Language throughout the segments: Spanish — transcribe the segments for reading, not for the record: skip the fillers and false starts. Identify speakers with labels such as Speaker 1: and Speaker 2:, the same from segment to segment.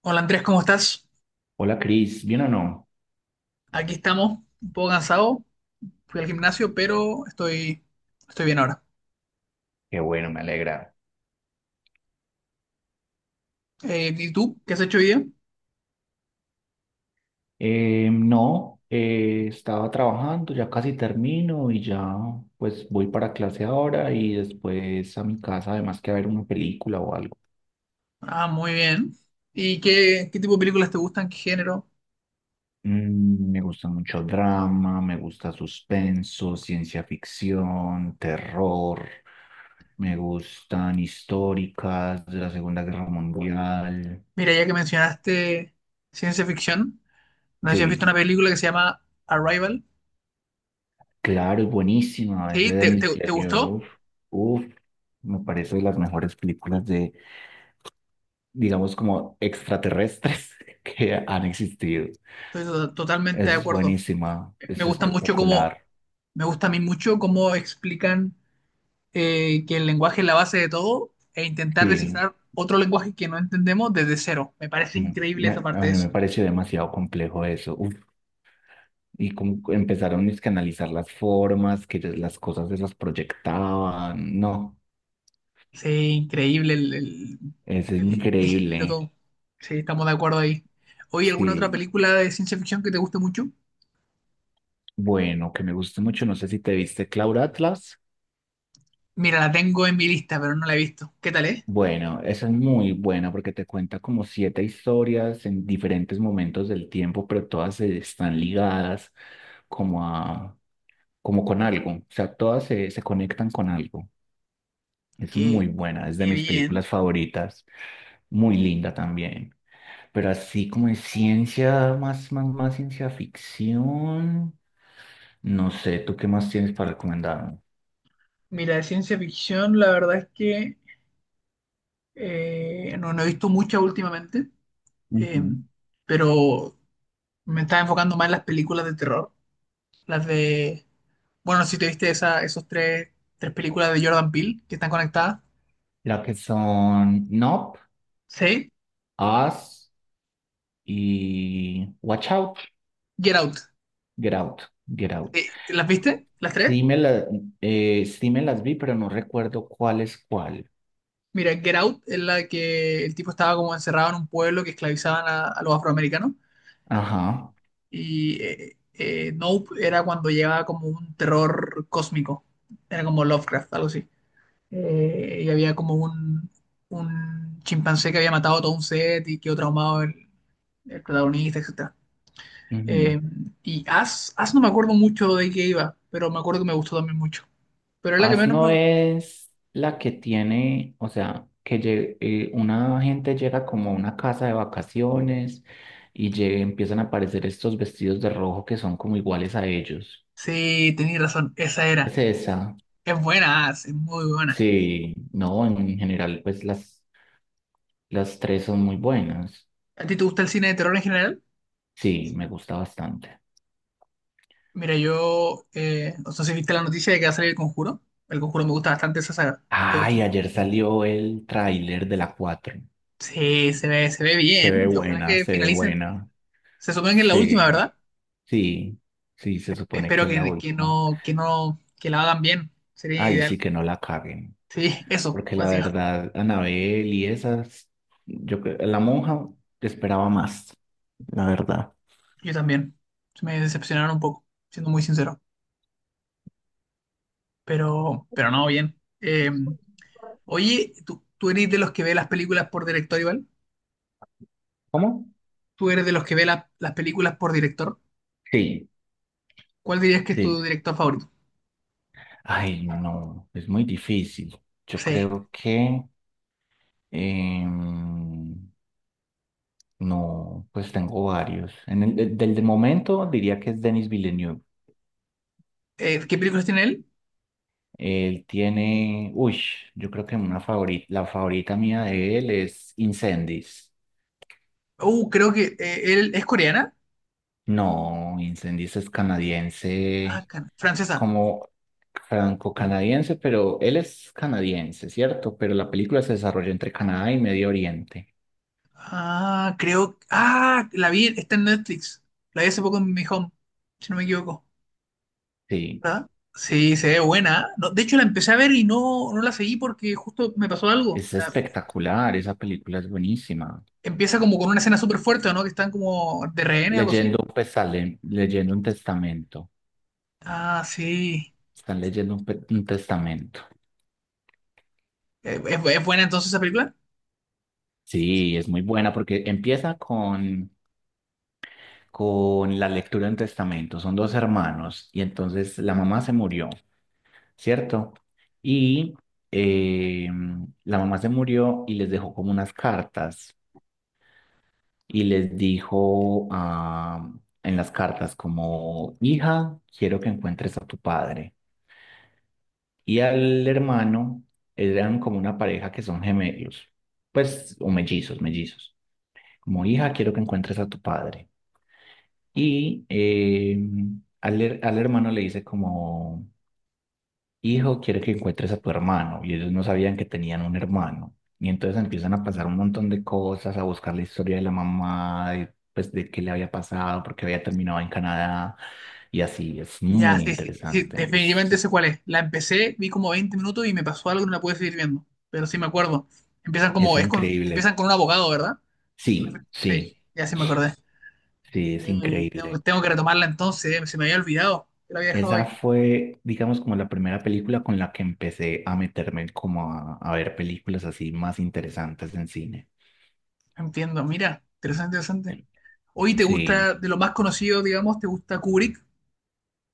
Speaker 1: Hola Andrés, ¿cómo estás?
Speaker 2: Hola Cris, ¿bien o no?
Speaker 1: Aquí estamos, un poco cansado, fui al gimnasio, pero estoy bien ahora.
Speaker 2: Qué bueno, me alegra.
Speaker 1: ¿Y tú? ¿Qué has hecho hoy día?
Speaker 2: No, estaba trabajando, ya casi termino y ya pues voy para clase ahora y después a mi casa, además que a ver una película o algo.
Speaker 1: Ah, muy bien. ¿Y qué tipo de películas te gustan? ¿Qué género?
Speaker 2: Me gusta mucho drama, me gusta suspenso, ciencia ficción, terror, me gustan históricas de la Segunda Guerra Mundial.
Speaker 1: Mira, ya que mencionaste ciencia ficción, no sé si has visto
Speaker 2: Sí.
Speaker 1: una película que se llama Arrival.
Speaker 2: Claro, es buenísima, es
Speaker 1: ¿Sí?
Speaker 2: de
Speaker 1: ¿Te,
Speaker 2: Denis
Speaker 1: te- te gustó?
Speaker 2: Villeneuve. Uf, me parece de las mejores películas de, digamos, como extraterrestres que han existido.
Speaker 1: Estoy totalmente de
Speaker 2: Es
Speaker 1: acuerdo.
Speaker 2: buenísima,
Speaker 1: Me
Speaker 2: es
Speaker 1: gusta mucho cómo,
Speaker 2: espectacular.
Speaker 1: Me gusta a mí mucho cómo explican que el lenguaje es la base de todo e intentar
Speaker 2: Sí,
Speaker 1: descifrar otro lenguaje que no entendemos desde cero. Me parece increíble esa parte
Speaker 2: a
Speaker 1: de
Speaker 2: mí me
Speaker 1: eso.
Speaker 2: pareció demasiado complejo eso. Uf, y como empezaron es que a analizar las formas, que las cosas se las proyectaban. No,
Speaker 1: Sí, increíble el, el-
Speaker 2: es
Speaker 1: el- el giro,
Speaker 2: increíble.
Speaker 1: todo. Sí, estamos de acuerdo ahí. Oye, ¿alguna otra
Speaker 2: Sí,
Speaker 1: película de ciencia ficción que te guste mucho?
Speaker 2: bueno, que me gusta mucho. No sé si te viste Cloud Atlas.
Speaker 1: Mira, la tengo en mi lista, pero no la he visto. ¿Qué tal es?
Speaker 2: Bueno, esa es muy buena porque te cuenta como siete historias en diferentes momentos del tiempo, pero todas están ligadas como a, como con algo. O sea, todas se conectan con algo. Es
Speaker 1: Qué,
Speaker 2: muy buena, es de
Speaker 1: qué
Speaker 2: mis
Speaker 1: bien.
Speaker 2: películas favoritas, muy linda también. Pero así como de ciencia, más, más, más ciencia ficción. No sé, ¿tú qué más tienes para recomendarme?
Speaker 1: Mira, de ciencia ficción, la verdad es que no he visto mucha últimamente, eh,
Speaker 2: Ujú.
Speaker 1: pero me estaba enfocando más en las películas de terror. Las de. Bueno, si te viste esa, tres películas de Jordan Peele que están conectadas.
Speaker 2: La que son Nope,
Speaker 1: Sí,
Speaker 2: Us y Watch Out.
Speaker 1: Get Out.
Speaker 2: Get Out, Get Out.
Speaker 1: ¿Las viste? ¿Las tres?
Speaker 2: Sí me, la- sí me las vi, pero no recuerdo cuál es cuál.
Speaker 1: Mira, Get Out es la que el tipo estaba como encerrado en un pueblo que esclavizaban a los afroamericanos.
Speaker 2: Ajá.
Speaker 1: Y Nope era cuando llegaba como un terror cósmico. Era como Lovecraft, algo así. Y había como un chimpancé que había matado a todo un set y quedó traumado el protagonista, etc.
Speaker 2: Ujú.
Speaker 1: Eh, y As no me acuerdo mucho de qué iba, pero me acuerdo que me gustó también mucho. Pero es la que
Speaker 2: As
Speaker 1: menos me
Speaker 2: no
Speaker 1: gustó.
Speaker 2: es la que tiene, o sea, una gente llega como a una casa de vacaciones y empiezan a aparecer estos vestidos de rojo que son como iguales a ellos.
Speaker 1: Sí, tenías razón, esa
Speaker 2: Es
Speaker 1: era.
Speaker 2: esa.
Speaker 1: Es buena As, es muy buena.
Speaker 2: Sí, no, en general, pues las tres son muy buenas.
Speaker 1: ¿A ti te gusta el cine de terror en general?
Speaker 2: Sí, me gusta bastante.
Speaker 1: Mira, no sé si viste la noticia de que va a salir El Conjuro. El Conjuro me gusta bastante esa saga. ¿Te gusta?
Speaker 2: Ay, ayer salió el tráiler de la 4.
Speaker 1: Sí, se ve
Speaker 2: Se
Speaker 1: bien.
Speaker 2: ve
Speaker 1: Y ojalá
Speaker 2: buena,
Speaker 1: que
Speaker 2: se ve
Speaker 1: finalicen.
Speaker 2: buena.
Speaker 1: Se supone que es la
Speaker 2: Sí,
Speaker 1: última, ¿verdad?
Speaker 2: sí, sí, se supone que
Speaker 1: Espero
Speaker 2: es la última.
Speaker 1: que no, que la hagan bien. Sería
Speaker 2: Ay,
Speaker 1: ideal.
Speaker 2: sí que no la caguen.
Speaker 1: Sí, eso,
Speaker 2: Porque la
Speaker 1: así.
Speaker 2: verdad, Anabel y esas, la monja esperaba más, la verdad.
Speaker 1: Yo también. Me decepcionaron un poco, siendo muy sincero. Pero no, bien. Oye, ¿tú eres de los que ve las películas por director igual?
Speaker 2: ¿Cómo?
Speaker 1: ¿Tú eres de los que ve las películas por director?
Speaker 2: Sí,
Speaker 1: ¿Cuál dirías que es
Speaker 2: sí.
Speaker 1: tu director favorito?
Speaker 2: Ay, no, no, es muy difícil. Yo
Speaker 1: Sí.
Speaker 2: creo que em, no, pues tengo varios. Del momento diría que es Denis Villeneuve.
Speaker 1: ¿Qué películas tiene él?
Speaker 2: Él tiene, uy, yo creo que una favorita, la favorita mía de él es Incendies.
Speaker 1: Creo que él es coreana.
Speaker 2: No, Incendies es
Speaker 1: Ah,
Speaker 2: canadiense,
Speaker 1: francesa.
Speaker 2: como franco-canadiense, pero él es canadiense, ¿cierto? Pero la película se desarrolla entre Canadá y Medio Oriente.
Speaker 1: Ah, creo. Ah, la vi, está en Netflix. La vi hace poco en mi home, si no me equivoco.
Speaker 2: Sí,
Speaker 1: ¿Ah? Sí, se ve buena. No, de hecho, la empecé a ver y no la seguí porque justo me pasó algo.
Speaker 2: es espectacular, esa película es buenísima.
Speaker 1: Empieza como con una escena súper fuerte, ¿o ¿no? Que están como de rehenes, algo así.
Speaker 2: Leyendo un testamento.
Speaker 1: Ah, sí.
Speaker 2: Están leyendo un testamento.
Speaker 1: Es buena entonces esa película?
Speaker 2: Sí, es muy buena porque empieza con la lectura de un testamento. Son dos hermanos y entonces la mamá se murió, ¿cierto? Y eh, la mamá se murió y les dejó como unas cartas y les dijo ah, en las cartas como, hija, quiero que encuentres a tu padre. Y al hermano eran como una pareja que son gemelos, pues, o mellizos, mellizos. Como hija, quiero que encuentres a tu padre. Y al hermano le dice como, hijo, quiero que encuentres a tu hermano. Y ellos no sabían que tenían un hermano. Y entonces empiezan a pasar un montón de cosas, a buscar la historia de la mamá, de, pues de qué le había pasado, porque había terminado en Canadá. Y así, es
Speaker 1: Ya,
Speaker 2: muy
Speaker 1: sí, sí, sí,
Speaker 2: interesante, es,
Speaker 1: definitivamente sé cuál es. La empecé, vi como 20 minutos y me pasó algo y no la pude seguir viendo. Pero sí me acuerdo.
Speaker 2: es increíble.
Speaker 1: Empiezan con un abogado, ¿verdad?
Speaker 2: Sí,
Speaker 1: Sí,
Speaker 2: sí,
Speaker 1: ya sí me acordé.
Speaker 2: sí, es increíble.
Speaker 1: Tengo que retomarla entonces, se me había olvidado. Que la había dejado
Speaker 2: Esa
Speaker 1: ahí.
Speaker 2: fue, digamos, como la primera película con la que empecé a meterme como a ver películas así más interesantes en cine.
Speaker 1: Entiendo, mira, interesante, interesante. Oye, ¿te
Speaker 2: Sí,
Speaker 1: gusta de lo más conocido, digamos, te gusta Kubrick?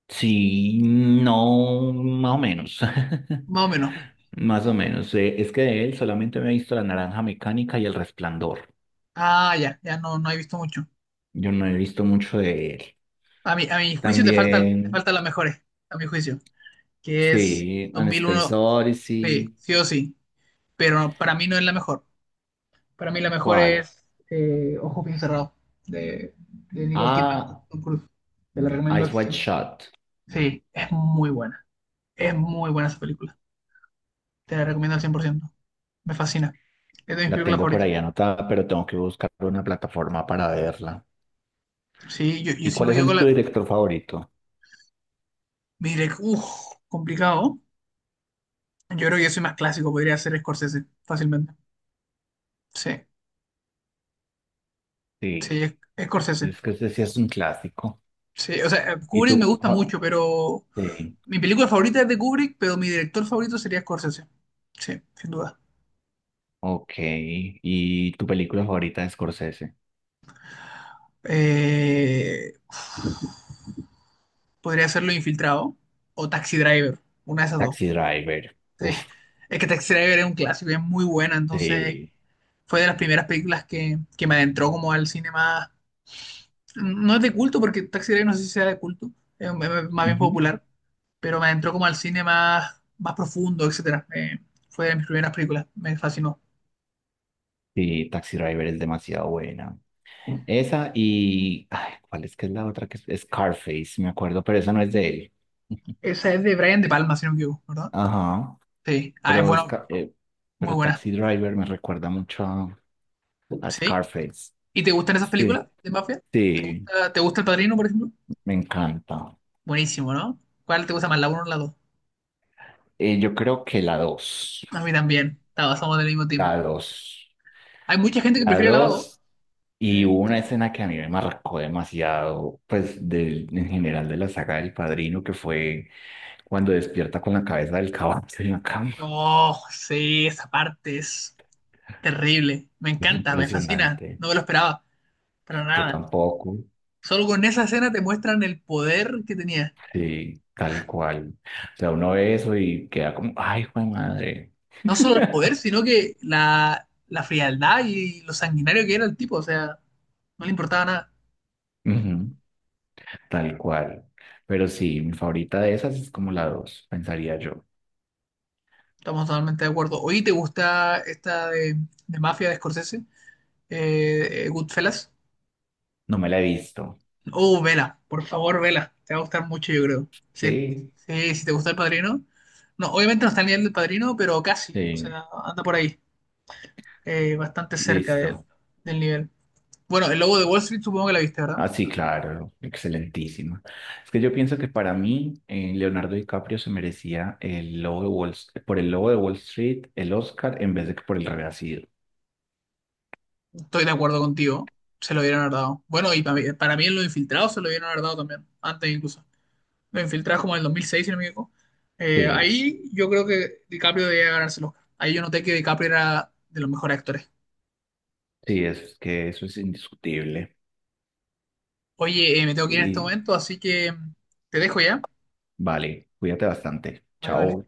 Speaker 2: sí, no, más o menos.
Speaker 1: Más o menos.
Speaker 2: Más o menos. Es que de él solamente me he visto La Naranja Mecánica y El Resplandor.
Speaker 1: Ah, ya no, no he visto mucho.
Speaker 2: Yo no he visto mucho de él.
Speaker 1: A mi juicio te falta, te
Speaker 2: También,
Speaker 1: faltan las mejores, a mi juicio, que es
Speaker 2: sí, An Space
Speaker 1: 2001,
Speaker 2: Odyssey.
Speaker 1: sí, sí o sí, pero para mí no es la mejor. Para mí la mejor
Speaker 2: ¿Cuál?
Speaker 1: es Ojos bien cerrados, de, de Nicole Kidman y
Speaker 2: Ah,
Speaker 1: Tom Cruise. Te la recomiendo
Speaker 2: Eyes
Speaker 1: al
Speaker 2: Wide
Speaker 1: 100.
Speaker 2: Shut.
Speaker 1: Sí, es muy buena. Es muy buena esa película. Te la recomiendo al 100%. Me fascina. Es de mis
Speaker 2: La
Speaker 1: películas
Speaker 2: tengo por
Speaker 1: favoritas.
Speaker 2: ahí anotada, pero tengo que buscar una plataforma para verla.
Speaker 1: Sí, yo
Speaker 2: ¿Y
Speaker 1: si no
Speaker 2: cuál
Speaker 1: me
Speaker 2: es
Speaker 1: equivoco.
Speaker 2: el tu director favorito?
Speaker 1: Mire, uff, complicado. Yo creo que yo soy más clásico, podría ser Scorsese, fácilmente. Sí, sí,
Speaker 2: Sí,
Speaker 1: es- Scorsese.
Speaker 2: es que ese sí es un clásico.
Speaker 1: Sí, o sea,
Speaker 2: ¿Y
Speaker 1: Kubrick me
Speaker 2: tu?
Speaker 1: gusta mucho, pero
Speaker 2: Sí,
Speaker 1: mi película favorita es de Kubrick, pero mi director favorito sería Scorsese. Sí, sin duda.
Speaker 2: ok. ¿Y tu película favorita de Scorsese?
Speaker 1: Eh, Podría ser Lo Infiltrado o Taxi Driver, una de esas dos.
Speaker 2: Taxi Driver.
Speaker 1: Sí,
Speaker 2: Uf,
Speaker 1: es que Taxi Driver es un clásico, y es muy buena, entonces
Speaker 2: sí.
Speaker 1: fue de las primeras películas que me adentró como al cine más. No es de culto porque Taxi Driver no sé si sea de culto, es más bien
Speaker 2: Ujú.
Speaker 1: popular, pero me entró como al cine más profundo, etcétera. Fue de mis primeras películas, me fascinó.
Speaker 2: Sí, Taxi Driver es demasiado buena. Esa y, ay, ¿cuál es que es la otra? Que es Scarface, me acuerdo, pero esa no es de él.
Speaker 1: Esa es de Brian De Palma, si no me equivoco, ¿verdad?
Speaker 2: Ajá,
Speaker 1: Sí. Ah, es
Speaker 2: pero, es,
Speaker 1: bueno,
Speaker 2: ca- eh,
Speaker 1: muy
Speaker 2: pero
Speaker 1: buena.
Speaker 2: Taxi Driver me recuerda mucho, A
Speaker 1: Sí.
Speaker 2: Scarface.
Speaker 1: ¿Y te gustan esas
Speaker 2: Sí.
Speaker 1: películas de mafia?
Speaker 2: Sí,
Speaker 1: Ah, ¿te gusta El Padrino, por ejemplo?
Speaker 2: me encanta.
Speaker 1: Buenísimo, ¿no? ¿Cuál te gusta más, la uno o la dos?
Speaker 2: Yo creo que la dos.
Speaker 1: A mí también. Estaba, somos del mismo
Speaker 2: La
Speaker 1: team.
Speaker 2: dos.
Speaker 1: Hay mucha gente que
Speaker 2: La
Speaker 1: prefiere la dos,
Speaker 2: dos.
Speaker 1: ¿no?
Speaker 2: Y hubo una escena que a mí me marcó demasiado, pues del, en general de la saga del Padrino, que fue cuando despierta con la cabeza del caballo en la cama.
Speaker 1: Oh, sí, esa parte es terrible. Me
Speaker 2: Es
Speaker 1: encanta, me fascina.
Speaker 2: impresionante.
Speaker 1: No me lo esperaba. Para
Speaker 2: Yo
Speaker 1: nada.
Speaker 2: tampoco.
Speaker 1: Solo con esa escena te muestran el poder que tenía.
Speaker 2: Sí, tal cual. O sea, uno ve eso y queda como, ay, fue madre.
Speaker 1: No solo el poder, sino que la frialdad y lo sanguinario que era el tipo. O sea, no le importaba nada.
Speaker 2: Ujú. Tal cual. Pero sí, mi favorita de esas es como la dos, pensaría yo.
Speaker 1: Estamos totalmente de acuerdo. Oye, ¿te gusta esta de Mafia de Scorsese? Goodfellas.
Speaker 2: No me la he visto.
Speaker 1: Oh, vela. Por favor, vela. Te va a gustar mucho, yo creo. Sí,
Speaker 2: Sí,
Speaker 1: sí, si te gusta El Padrino. No, obviamente no está al nivel del Padrino, pero casi. O
Speaker 2: sí,
Speaker 1: sea, anda por ahí. Bastante cerca del,
Speaker 2: listo.
Speaker 1: del nivel. Bueno, el lobo de Wall Street supongo que la viste, ¿verdad?
Speaker 2: Ah, sí, claro, excelentísima. Es que yo pienso que para mí Leonardo DiCaprio se merecía el lobo de Wall, por el lobo de Wall Street, el Oscar, en vez de que por el Renacido.
Speaker 1: Estoy de acuerdo contigo. Se lo dieron haber dado. Bueno, y para mí en los infiltrados se lo dieron haber dado también. Antes incluso. Los infiltrados como en el 2006, si no me equivoco.
Speaker 2: Sí,
Speaker 1: Ahí yo creo que DiCaprio debía ganarse el Oscar. Ahí yo noté que DiCaprio era de los mejores actores.
Speaker 2: sí, es que eso es indiscutible.
Speaker 1: Oye, me tengo que ir en este
Speaker 2: Y
Speaker 1: momento, así que te dejo ya.
Speaker 2: vale, cuídate bastante.
Speaker 1: Vale, vale.
Speaker 2: Chao.